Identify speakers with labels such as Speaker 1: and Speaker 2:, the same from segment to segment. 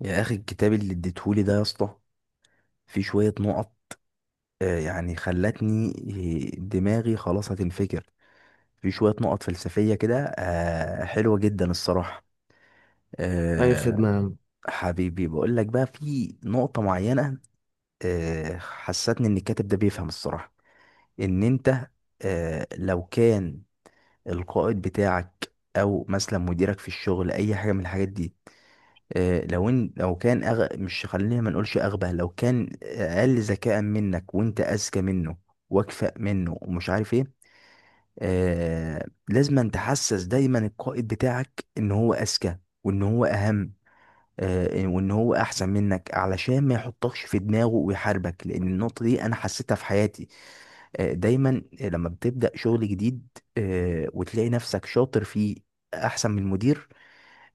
Speaker 1: يا اخي، الكتاب اللي اديتهولي ده يا اسطى، في شويه نقط. آه، يعني خلتني آه، دماغي خلاص هتنفجر. في شويه نقط فلسفيه كده، حلوه جدا الصراحه.
Speaker 2: اي
Speaker 1: آه،
Speaker 2: خدمة يا عم.
Speaker 1: حبيبي، بقول لك بقى في نقطه معينه. حسستني ان الكاتب ده بيفهم الصراحه، ان انت لو كان القائد بتاعك او مثلا مديرك في الشغل، اي حاجه من الحاجات دي. مش، خلينا ما نقولش اغبى، لو كان اقل ذكاء منك وانت اذكى منه واكفأ منه ومش عارف ايه. لازم تحسس دايما القائد بتاعك ان هو اذكى وان هو اهم، وان هو احسن منك علشان ما يحطكش في دماغه ويحاربك، لان النقطة دي انا حسيتها في حياتي. دايما لما بتبدأ شغل جديد وتلاقي نفسك شاطر فيه، احسن من المدير،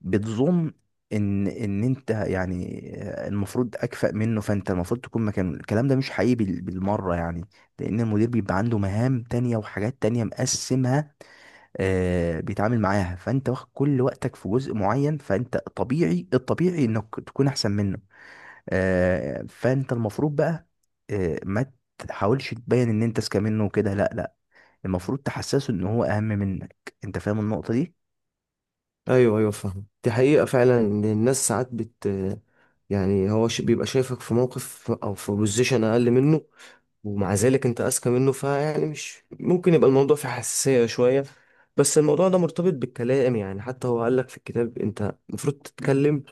Speaker 1: بتظن ان ان انت، يعني المفروض اكفأ منه، فانت المفروض تكون مكانه. الكلام ده مش حقيقي بالمره يعني، لان المدير بيبقى عنده مهام تانية وحاجات تانية مقسمها، بيتعامل معاها، فانت واخد كل وقتك في جزء معين، فانت طبيعي، الطبيعي انك تكون احسن منه. فانت المفروض بقى ما تحاولش تبين ان انت اذكى منه وكده. لا لا، المفروض تحسسه ان هو اهم منك. انت فاهم النقطه دي؟
Speaker 2: ايوه ايوه، فاهم. دي حقيقة فعلا، ان الناس ساعات يعني هو بيبقى شايفك في موقف او في بوزيشن اقل منه، ومع ذلك انت اذكى منه، فيعني مش ممكن يبقى الموضوع فيه حساسية شوية. بس الموضوع ده مرتبط بالكلام، يعني حتى هو قال لك في الكتاب انت المفروض تتكلم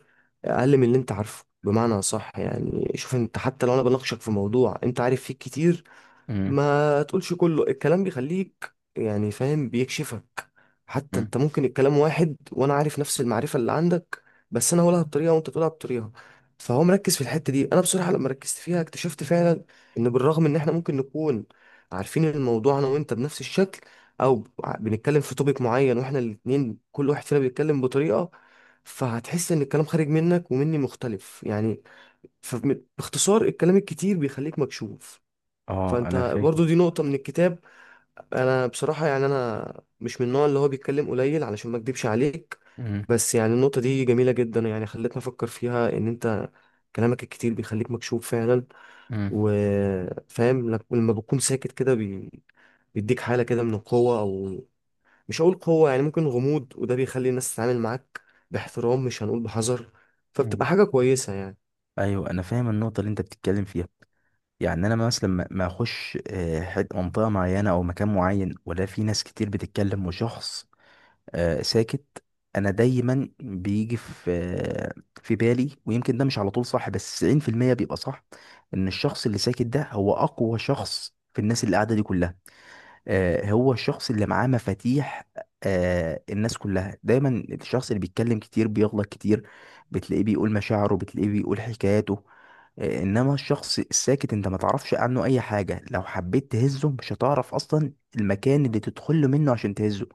Speaker 2: اقل من اللي انت عارفه، بمعنى صح. يعني شوف، انت حتى لو انا بناقشك في موضوع انت عارف فيه كتير،
Speaker 1: مم.
Speaker 2: ما تقولش كله، الكلام بيخليك يعني فاهم، بيكشفك. حتى
Speaker 1: مم.
Speaker 2: انت ممكن الكلام واحد وانا عارف نفس المعرفة اللي عندك، بس انا هقولها بطريقة وانت تقولها بطريقة. فهو مركز في الحتة دي. انا بصراحة لما ركزت فيها اكتشفت فعلا ان بالرغم ان احنا ممكن نكون عارفين الموضوع انا وانت بنفس الشكل، او بنتكلم في توبيك معين واحنا الاتنين، كل واحد فينا بيتكلم بطريقة، فهتحس ان الكلام خارج منك ومني مختلف يعني. فباختصار الكلام الكتير بيخليك مكشوف.
Speaker 1: اه،
Speaker 2: فانت
Speaker 1: انا فاهم.
Speaker 2: برضو دي نقطة من الكتاب. انا بصراحة يعني انا مش من النوع اللي هو بيتكلم قليل، علشان ما اكدبش عليك، بس يعني النقطة دي جميلة جدا، يعني خلتني افكر فيها ان انت كلامك الكتير بيخليك مكشوف فعلا.
Speaker 1: مم.
Speaker 2: وفاهم لما بتكون ساكت كده بيديك حالة كده من القوة، او مش هقول قوة، يعني ممكن غموض، وده بيخلي الناس تتعامل معاك باحترام، مش هنقول بحذر،
Speaker 1: مم.
Speaker 2: فبتبقى حاجة كويسة يعني.
Speaker 1: ايوه، انا فاهم النقطه اللي انت بتتكلم فيها. يعني انا مثلا ما اخش منطقه معينه او مكان معين، ولا في ناس كتير بتتكلم وشخص ساكت، انا دايما بيجي في في بالي، ويمكن ده مش على طول صح، بس 90% بيبقى صح، ان الشخص اللي ساكت ده هو اقوى شخص في الناس اللي قاعده دي كلها. هو الشخص اللي معاه مفاتيح الناس كلها. دايما الشخص اللي بيتكلم كتير بيغلط كتير، بتلاقيه بيقول مشاعره، بتلاقيه بيقول حكاياته. انما الشخص الساكت انت ما تعرفش عنه اي حاجة، لو حبيت تهزه مش هتعرف اصلا المكان اللي تدخل له منه عشان تهزه.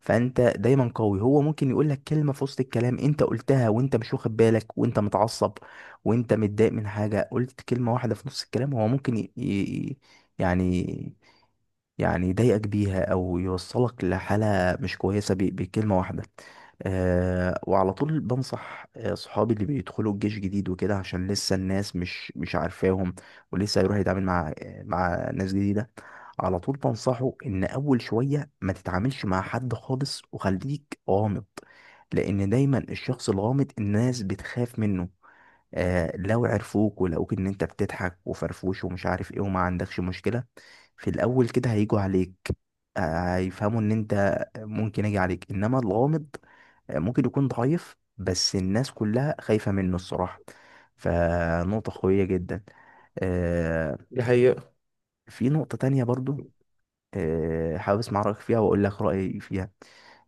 Speaker 1: فانت دايما قوي. هو ممكن يقول لك كلمة في وسط الكلام انت قلتها وانت مش واخد بالك وانت متعصب وانت متضايق من حاجة، قلت كلمة واحدة في نص الكلام، هو ممكن يعني يضايقك بيها او يوصلك لحاله مش كويسه، بكلمه واحده. أه، وعلى طول بنصح صحابي اللي بيدخلوا الجيش جديد وكده، عشان لسه الناس مش عارفاهم، ولسه هيروح يتعامل مع مع ناس جديده، على طول بنصحه ان اول شويه ما تتعاملش مع حد خالص وخليك غامض، لان دايما الشخص الغامض الناس بتخاف منه. لو عرفوك ولقوك ان انت بتضحك وفرفوش ومش عارف ايه وما عندكش مشكلة، في الاول كده هيجوا عليك، هيفهموا ان انت ممكن اجي عليك. انما الغامض ممكن يكون ضعيف بس الناس كلها خايفة منه الصراحة. فنقطة قوية جدا. آه
Speaker 2: دي حقيقة.
Speaker 1: في نقطة تانية برضو، حابب اسمع رأيك فيها واقول لك رأيي فيها.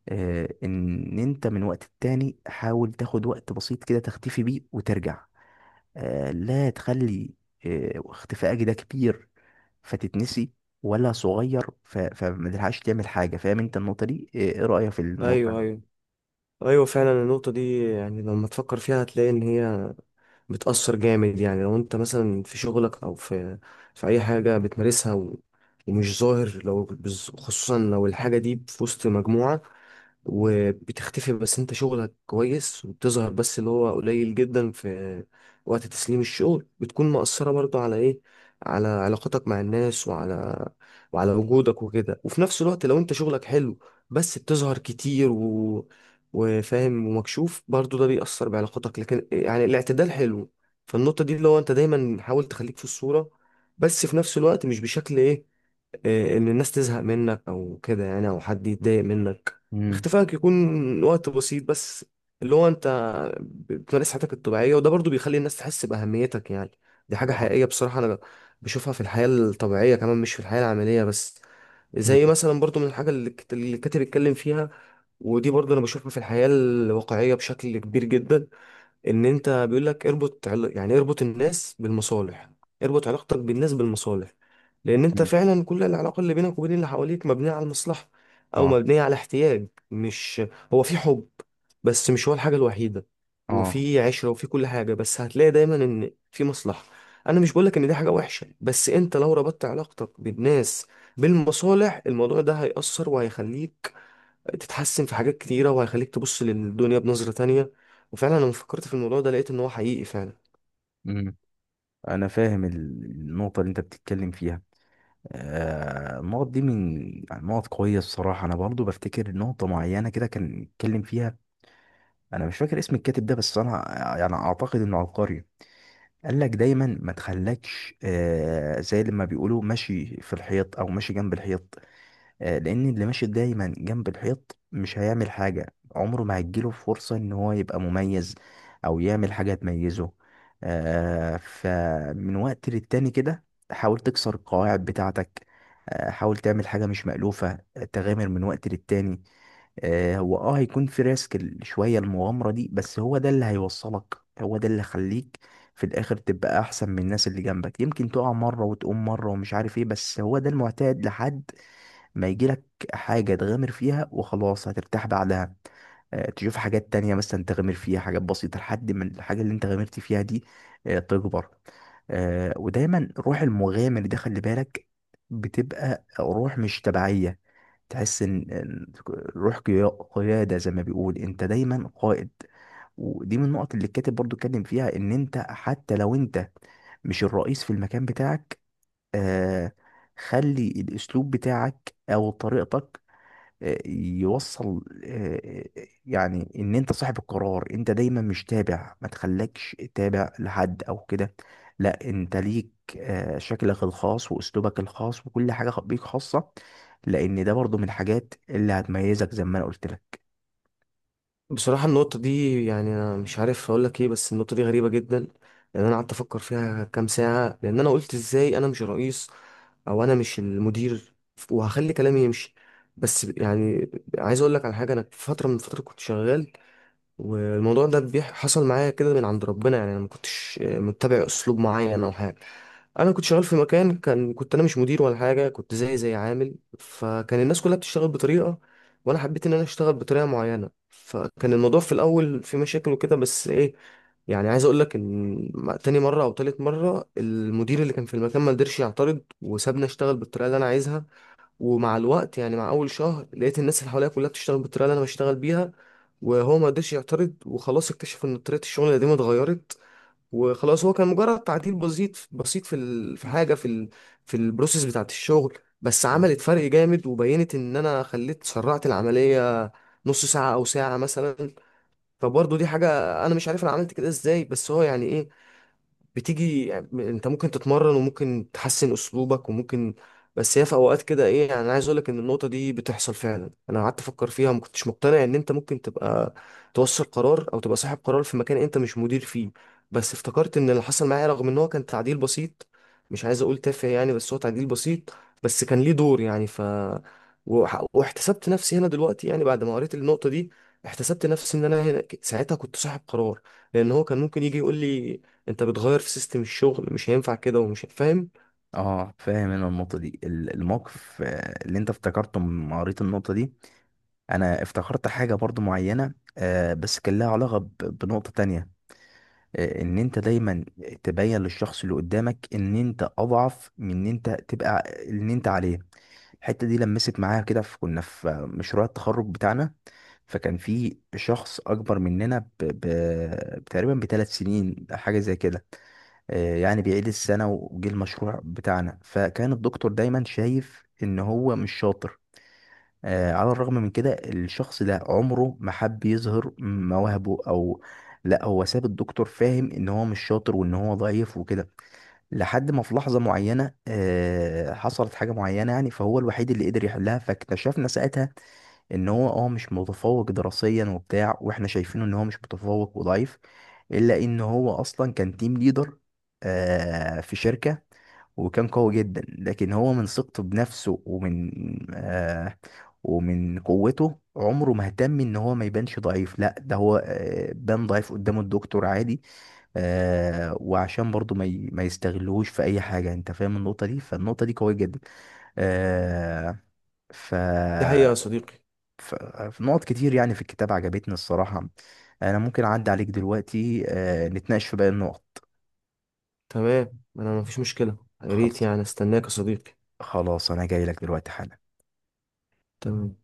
Speaker 1: ان انت من وقت التاني حاول تاخد وقت بسيط كده تختفي بيه وترجع. لا تخلي اختفائك ده كبير فتتنسي، ولا صغير فما تلحقش تعمل حاجة. فاهم انت النقطة دي؟ ايه رأيك في النقطة
Speaker 2: ايوه
Speaker 1: دي؟
Speaker 2: ايوه ايوه، فعلا النقطة دي يعني لما تفكر فيها هتلاقي ان هي بتأثر جامد، يعني لو انت مثلا في شغلك او في في اي حاجة بتمارسها ومش ظاهر، لو خصوصا لو الحاجة دي في وسط مجموعة وبتختفي، بس انت شغلك كويس، وبتظهر بس، اللي هو قليل جدا، في وقت تسليم الشغل، بتكون مأثرة برضو على ايه، على علاقتك مع الناس، وعلى وعلى وجودك وكده. وفي نفس الوقت لو انت شغلك حلو بس بتظهر كتير وفاهم ومكشوف برضو، ده بيأثر بعلاقتك، لكن يعني الاعتدال حلو. فالنقطة دي اللي هو انت دايما حاول تخليك في الصورة، بس في نفس الوقت مش بشكل ايه، ان الناس تزهق منك او كده يعني، او حد يتضايق منك.
Speaker 1: امم.
Speaker 2: اختفائك يكون وقت بسيط بس، اللي هو انت بتمارس حياتك الطبيعية، وده برضو بيخلي الناس تحس بأهميتك يعني. دي حاجة
Speaker 1: اه.
Speaker 2: حقيقية. بصراحة أنا بشوفها في الحياة الطبيعية كمان، مش في الحياة العملية بس. زي
Speaker 1: امم.
Speaker 2: مثلا برضو من الحاجة اللي الكاتب اتكلم فيها. ودي برضو أنا بشوفها في الحياة الواقعية بشكل كبير جدا. ان انت بيقول لك اربط يعني اربط الناس بالمصالح، اربط علاقتك بالناس بالمصالح. لان انت
Speaker 1: أمم.
Speaker 2: فعلا كل العلاقه اللي بينك وبين اللي حواليك مبنيه على المصلحه، او
Speaker 1: اه.
Speaker 2: مبنيه على احتياج. مش هو في حب، بس مش هو الحاجه الوحيده.
Speaker 1: اه.
Speaker 2: وفي عشره وفي كل حاجه، بس هتلاقي دايما ان في مصلحه. انا مش بقولك ان دي حاجه وحشه، بس انت لو ربطت علاقتك بالناس بالمصالح، الموضوع ده هيأثر وهيخليك تتحسن في حاجات كتيرة، وهيخليك تبص للدنيا بنظرة تانية. وفعلا لما فكرت في الموضوع ده لقيت ان هو حقيقي فعلا.
Speaker 1: امم. انا فاهم النقطة اللي انت بتتكلم فيها. النقط دي من، يعني نقط قوية الصراحة. انا برضو بفتكر نقطة معينة كده كان اتكلم فيها، انا مش فاكر اسم الكاتب ده، بس انا يعني اعتقد انه عبقري. قال لك دايما ما تخلكش زي لما بيقولوا ماشي في الحيط او ماشي جنب الحيط، لان اللي ماشي دايما جنب الحيط مش هيعمل حاجة، عمره ما هتجيله فرصة ان هو يبقى مميز او يعمل حاجة تميزه. فمن وقت للتاني كده حاول تكسر القواعد بتاعتك، حاول تعمل حاجة مش مألوفة، تغامر من وقت للتاني. هو اه هيكون في ريسك، شوية المغامرة دي، بس هو ده اللي هيوصلك، هو ده اللي يخليك في الاخر تبقى احسن من الناس اللي جنبك. يمكن تقع مرة وتقوم مرة ومش عارف ايه، بس هو ده المعتاد لحد ما يجيلك حاجة تغامر فيها وخلاص هترتاح بعدها. تشوف حاجات تانية مثلا تغامر فيها، حاجات بسيطة لحد ما الحاجة اللي انت غامرت فيها دي تكبر. ودايما روح المغامر ده خلي بالك بتبقى روح مش تبعية، تحس ان روح قيا- قيادة، زي ما بيقول، انت دايما قائد. ودي من النقط اللي الكاتب برضو اتكلم فيها ان انت حتى لو انت مش الرئيس في المكان بتاعك، آه خلي الاسلوب بتاعك او طريقتك آه، يوصل آه، آه، يعني ان انت صاحب القرار، انت دايما مش تابع، ما تخليكش تابع لحد او كده. لا، انت ليك شكلك الخاص واسلوبك الخاص وكل حاجة بيك خاصة، لان ده برضو من الحاجات اللي هتميزك زي ما انا قلت لك.
Speaker 2: بصراحة النقطة دي يعني انا مش عارف اقول لك ايه، بس النقطة دي غريبة جدا. لان انا قعدت افكر فيها كام ساعة، لان انا قلت ازاي انا مش الرئيس، او انا مش المدير، وهخلي كلامي يمشي. بس يعني عايز اقول لك على حاجة. انا في فترة من الفترات كنت شغال، والموضوع ده حصل معايا كده من عند ربنا. يعني انا ما كنتش متبع اسلوب معين او حاجه. انا كنت شغال في مكان كان، كنت انا مش مدير ولا حاجه، كنت زي عامل. فكان الناس كلها بتشتغل بطريقه، وانا حبيت ان انا اشتغل بطريقه معينه. فكان الموضوع في الاول في مشاكل وكده، بس ايه، يعني عايز اقول لك ان تاني مره او تالت مره المدير اللي كان في المكان ما قدرش يعترض، وسابني اشتغل بالطريقه اللي انا عايزها. ومع الوقت، يعني مع اول شهر، لقيت الناس اللي حواليا كلها بتشتغل بالطريقه اللي انا بشتغل بيها. وهو ما قدرش يعترض، وخلاص اكتشف ان طريقه الشغل القديمه اتغيرت. وخلاص هو كان مجرد تعديل بسيط بسيط في في حاجه في في البروسيس بتاعه الشغل، بس
Speaker 1: مم.
Speaker 2: عملت فرق جامد. وبينت ان انا خليت سرعت العمليه نص ساعه او ساعه مثلا. فبرضه دي حاجه انا مش عارف انا عملت كده ازاي. بس هو يعني ايه، بتيجي يعني، انت ممكن تتمرن وممكن تحسن اسلوبك وممكن، بس هي في اوقات كده ايه. يعني انا عايز اقول لك ان النقطه دي بتحصل فعلا. انا قعدت افكر فيها، ما كنتش مقتنع ان انت ممكن تبقى توصل قرار او تبقى صاحب قرار في مكان انت مش مدير فيه. بس افتكرت ان اللي حصل معايا، رغم ان هو كان تعديل بسيط، مش عايز اقول تافه يعني، بس هو تعديل بسيط، بس كان ليه دور يعني. واحتسبت نفسي هنا دلوقتي، يعني بعد ما قريت النقطه دي احتسبت نفسي ان انا ساعتها كنت صاحب قرار. لان هو كان ممكن يجي يقول لي انت بتغير في سيستم الشغل مش هينفع كده ومش فاهم.
Speaker 1: اه، فاهم انا النقطة دي. الموقف اللي انت افتكرته لما قريت النقطة دي، انا افتكرت حاجة برضو معينة، بس كان لها علاقة بنقطة تانية. ان انت دايما تبين للشخص اللي قدامك ان انت اضعف من ان انت تبقى ان انت عليه. الحته دي لمست معايا كده في، كنا في مشروع التخرج بتاعنا، فكان في شخص اكبر مننا تقريبا بثلاث سنين، حاجه زي كده. يعني بيعيد السنه وجه المشروع بتاعنا، فكان الدكتور دايما شايف ان هو مش شاطر. على الرغم من كده الشخص ده عمره ما حب يظهر مواهبه او، لا هو ساب الدكتور فاهم ان هو مش شاطر وان هو ضعيف وكده، لحد ما في لحظة معينة حصلت حاجة معينة، يعني فهو الوحيد اللي قدر يحلها. فاكتشفنا ساعتها ان هو اه مش متفوق دراسيا وبتاع، واحنا شايفينه ان هو مش متفوق وضعيف، الا ان هو اصلا كان تيم ليدر في شركة، وكان قوي جدا. لكن هو من ثقته بنفسه ومن آه ومن قوته عمره ما اهتم ان هو ما يبانش ضعيف. لا ده هو بان ضعيف قدام الدكتور عادي، وعشان برضو ما يستغلوش في اي حاجة. انت فاهم النقطة دي؟ فالنقطة دي قوية جدا. آه ف
Speaker 2: دي حقيقة يا صديقي.
Speaker 1: ف- في نقط كتير يعني في الكتاب عجبتني الصراحة. أنا ممكن أعدي عليك دلوقتي نتناقش في باقي النقط.
Speaker 2: تمام، انا مفيش مشكلة. يا ريت
Speaker 1: خلص،
Speaker 2: يعني استناك يا صديقي.
Speaker 1: خلاص أنا جاي لك دلوقتي حالا.
Speaker 2: تمام.